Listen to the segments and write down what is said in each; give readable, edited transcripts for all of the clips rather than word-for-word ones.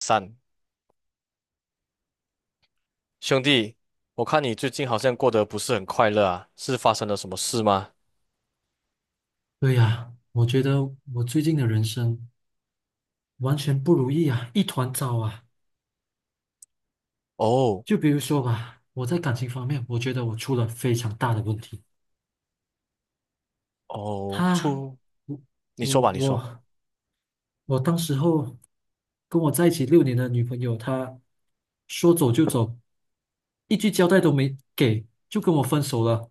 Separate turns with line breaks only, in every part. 三，兄弟，我看你最近好像过得不是很快乐啊，是发生了什么事吗？
对呀，我觉得我最近的人生完全不如意啊，一团糟啊。
哦
就比如说吧，我在感情方面，我觉得我出了非常大的问题。
哦，
他，
出，
我
你说
我
吧，你说。
我我当时候跟我在一起六年的女朋友，她说走就走，一句交代都没给，就跟我分手了。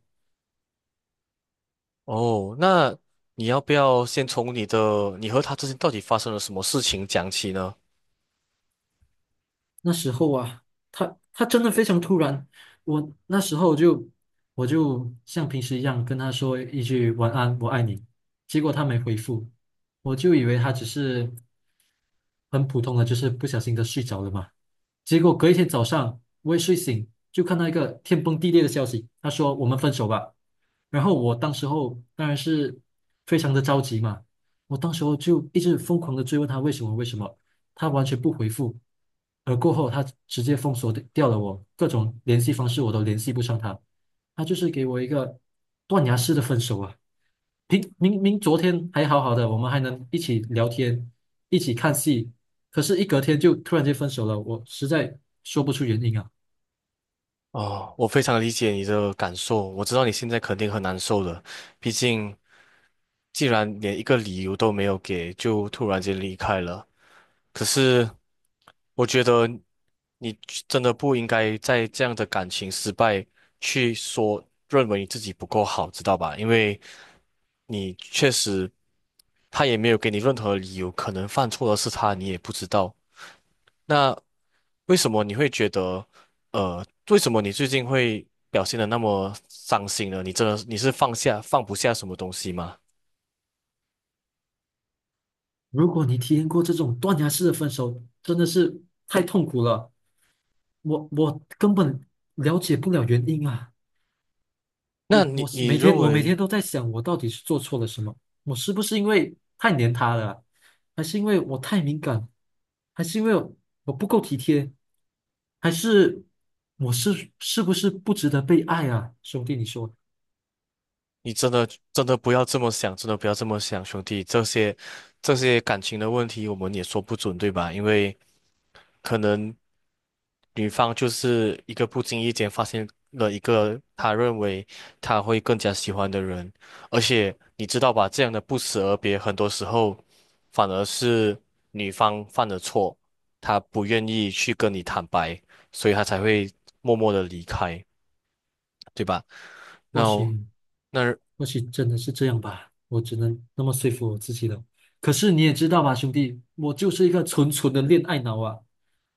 哦，那你要不要先从你的，你和他之间到底发生了什么事情讲起呢？
那时候啊，他真的非常突然，我那时候就我就像平时一样跟他说一句晚安，我爱你，结果他没回复，我就以为他只是很普通的，就是不小心的睡着了嘛。结果隔一天早上，我一睡醒就看到一个天崩地裂的消息，他说我们分手吧。然后我当时候当然是非常的着急嘛，我当时候就一直疯狂的追问他为什么为什么，他完全不回复，而过后他直接封锁掉了我各种联系方式，我都联系不上他，他就是给我一个断崖式的分手啊！明明昨天还好好的，我们还能一起聊天，一起看戏，可是，一隔天就突然间分手了，我实在说不出原因啊。
哦，我非常理解你的感受，我知道你现在肯定很难受的，毕竟既然连一个理由都没有给，就突然间离开了。可是。我觉得你真的不应该在这样的感情失败去说认为你自己不够好，知道吧？因为你确实他也没有给你任何理由，可能犯错的是他，你也不知道。那为什么你会觉得，为什么你最近会表现的那么伤心呢？你真的你是放下放不下什么东西吗？
如果你体验过这种断崖式的分手，真的是太痛苦了。我根本了解不了原因啊。
那
我
你
我是
你
每天
认
我每
为？
天都在想，我到底是做错了什么？我是不是因为太黏他了啊，还是因为我太敏感，还是因为我不够体贴，还是我是不是不值得被爱啊？兄弟，你说，
你真的真的不要这么想，真的不要这么想，兄弟，这些感情的问题，我们也说不准，对吧？因为可能女方就是一个不经意间发现了一个她认为她会更加喜欢的人，而且你知道吧，这样的不辞而别，很多时候反而是女方犯了错，她不愿意去跟你坦白，所以她才会默默的离开，对吧？
或
那
许。
那。
或许真的是这样吧，我只能那么说服我自己了。可是你也知道吧，兄弟，我就是一个纯纯的恋爱脑啊，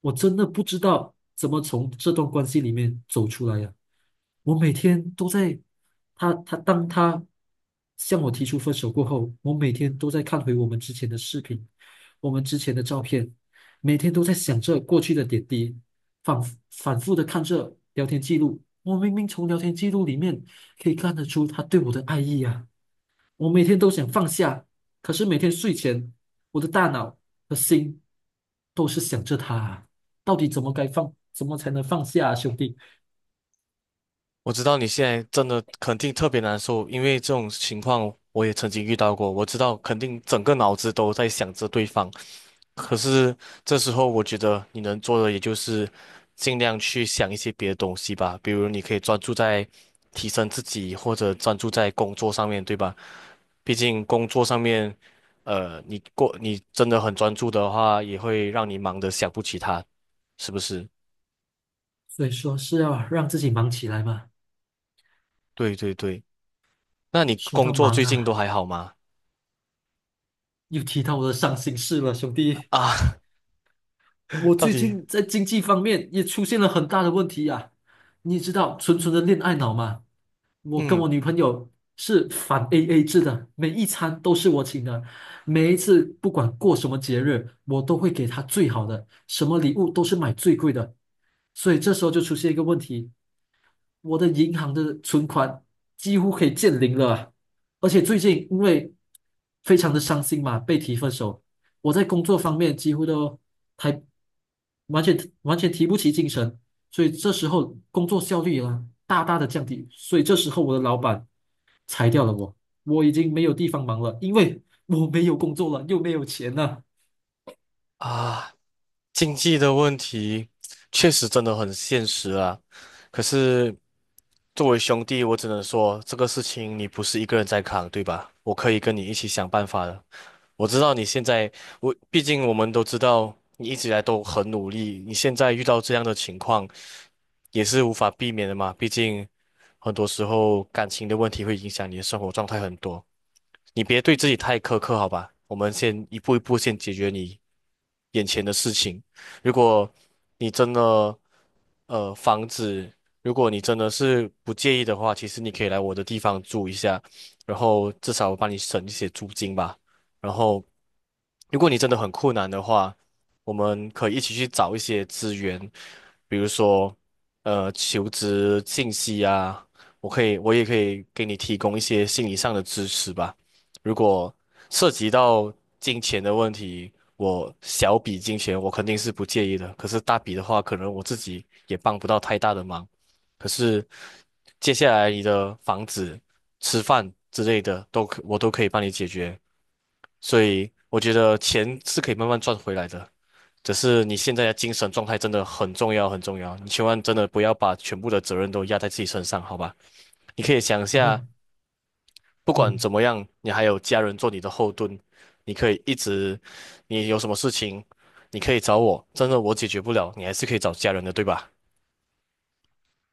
我真的不知道怎么从这段关系里面走出来呀、我每天都在，当他向我提出分手过后，我每天都在看回我们之前的视频，我们之前的照片，每天都在想着过去的点滴，反反复的看着聊天记录。我明明从聊天记录里面可以看得出他对我的爱意啊！我每天都想放下，可是每天睡前，我的大脑和心都是想着他啊，到底怎么该放，怎么才能放下啊，兄弟？
我知道你现在真的肯定特别难受，因为这种情况我也曾经遇到过。我知道肯定整个脑子都在想着对方，可是这时候我觉得你能做的也就是尽量去想一些别的东西吧，比如你可以专注在提升自己，或者专注在工作上面，对吧？毕竟工作上面，你过你真的很专注的话，也会让你忙得想不起他，是不是？
所以说是要让自己忙起来嘛。
对对对，那你
说
工
到
作
忙
最近都
啊，
还好吗？
又提到我的伤心事了，兄 弟。
啊。
我
到
最
底，
近在经济方面也出现了很大的问题呀、你知道纯纯的恋爱脑吗？我跟我
嗯
女朋友是反 AA 制的，每一餐都是我请的，每一次不管过什么节日，我都会给她最好的，什么礼物都是买最贵的。所以这时候就出现一个问题，我的银行的存款几乎可以见零了啊。而且最近因为非常的伤心嘛，被提分手，我在工作方面几乎都还完全完全提不起精神，所以这时候工作效率啊大大的降低，所以这时候我的老板裁掉了我，我已经没有地方忙了，因为我没有工作了，又没有钱了。
啊，经济的问题确实真的很现实啊。可是作为兄弟，我只能说这个事情你不是一个人在扛，对吧？我可以跟你一起想办法的。我知道你现在，我毕竟我们都知道你一直以来都很努力，你现在遇到这样的情况也是无法避免的嘛。毕竟很多时候感情的问题会影响你的生活状态很多。你别对自己太苛刻，好吧？我们先一步一步先解决你眼前的事情。如果你真的，房子，如果你真的是不介意的话，其实你可以来我的地方住一下，然后至少我帮你省一些租金吧。然后，如果你真的很困难的话，我们可以一起去找一些资源，比如说，求职信息啊，我可以，我也可以给你提供一些心理上的支持吧。如果涉及到金钱的问题，我小笔金钱我肯定是不介意的，可是大笔的话，可能我自己也帮不到太大的忙。可是接下来你的房子、吃饭之类的都可，我都可以帮你解决，所以我觉得钱是可以慢慢赚回来的。只是你现在的精神状态真的很重要，很重要。你千万真的不要把全部的责任都压在自己身上，好吧？你可以想一
好
下，
了。
不管怎
嗯。
么样，你还有家人做你的后盾，你可以一直，你有什么事情，你可以找我，真的我解决不了，你还是可以找家人的，对吧？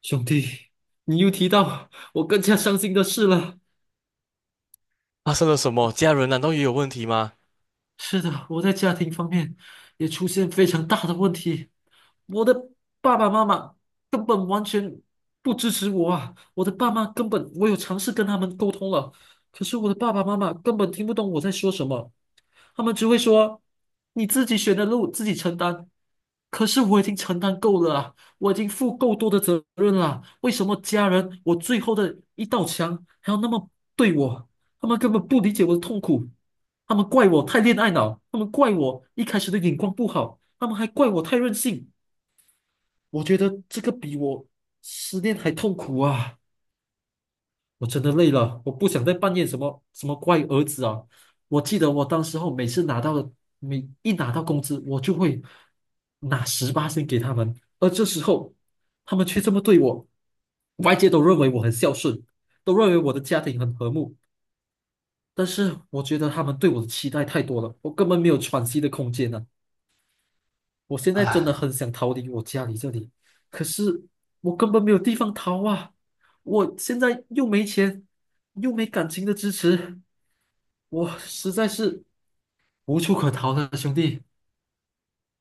兄弟，你又提到我更加伤心的事了。
发生了 什么？家人难道也有问题吗？
是的，我在家庭方面也出现非常大的问题。我的爸爸妈妈根本完全不支持我啊！我的爸妈根本，我有尝试跟他们沟通了，可是我的爸爸妈妈根本听不懂我在说什么。他们只会说你自己选的路自己承担。可是我已经承担够了啊，我已经负够多的责任了啊，为什么家人我最后的一道墙还要那么对我？他们根本不理解我的痛苦，他们怪我太恋爱脑，他们怪我一开始的眼光不好，他们还怪我太任性。我觉得这个比我失恋还痛苦啊！我真的累了，我不想再扮演什么什么乖儿子啊！我记得我当时候每次拿到的，每一拿到工资，我就会拿十八先给他们，而这时候他们却这么对我，外界都认为我很孝顺，都认为我的家庭很和睦，但是我觉得他们对我的期待太多了，我根本没有喘息的空间呢、我现在真的
唉，
很想逃离我家里这里，可是我根本没有地方逃啊！我现在又没钱，又没感情的支持，我实在是无处可逃了，兄弟。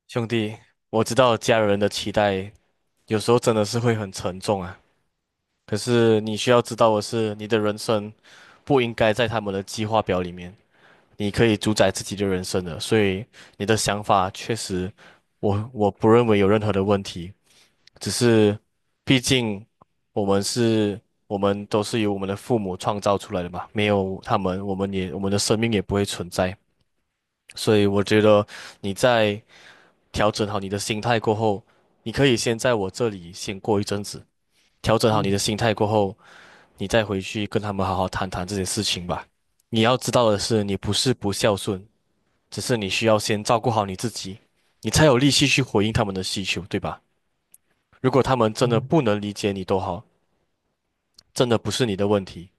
兄弟，我知道家人的期待有时候真的是会很沉重啊。可是你需要知道的是，你的人生不应该在他们的计划表里面。你可以主宰自己的人生的，所以你的想法确实我不认为有任何的问题。只是毕竟我们是，我们都是由我们的父母创造出来的嘛，没有他们，我们的生命也不会存在。所以我觉得你在调整好你的心态过后，你可以先在我这里先过一阵子，调整好你的
嗯
心态过后，你再回去跟他们好好谈谈这件事情吧。你要知道的是，你不是不孝顺，只是你需要先照顾好你自己，你才有力气去回应他们的需求，对吧？如果他们真的
嗯
不能理解你都好。真的不是你的问题，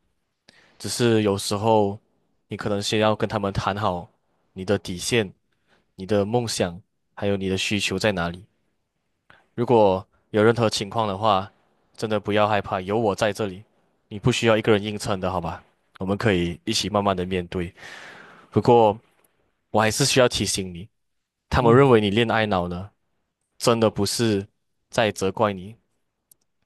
只是有时候你可能先要跟他们谈好你的底线、你的梦想，还有你的需求在哪里。如果有任何情况的话，真的不要害怕，有我在这里，你不需要一个人硬撑的，好吧？我们可以一起慢慢的面对。不过我还是需要提醒你，他们认
嗯
为你恋爱脑呢，真的不是在责怪你。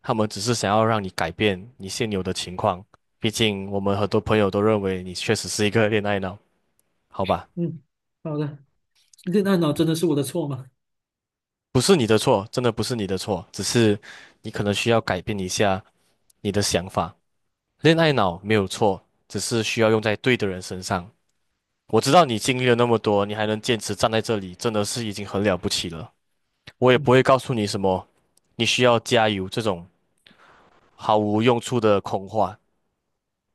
他们只是想要让你改变你现有的情况。毕竟我们很多朋友都认为你确实是一个恋爱脑，好吧？
嗯，好的，恋爱脑真的是我的错吗？
不是你的错，真的不是你的错，只是你可能需要改变一下你的想法。恋爱脑没有错，只是需要用在对的人身上。我知道你经历了那么多，你还能坚持站在这里，真的是已经很了不起了。我也
嗯，
不会告诉你什么，你需要加油这种毫无用处的空话。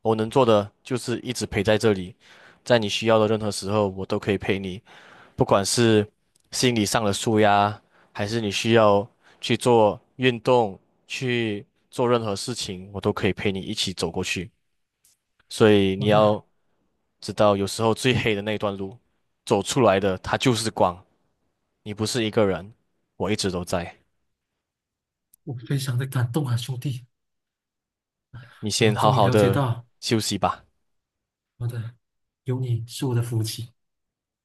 我能做的就是一直陪在这里，在你需要的任何时候，我都可以陪你，不管是心理上的舒压，还是你需要去做运动、去做任何事情，我都可以陪你一起走过去。所以你
好的，
要知道，有时候最黑的那段路，走出来的它就是光，你不是一个人，我一直都在。
我非常的感动啊，兄弟，
你
我
先好
终于
好
了解
的
到，
休息吧。
好的，有你是我的福气。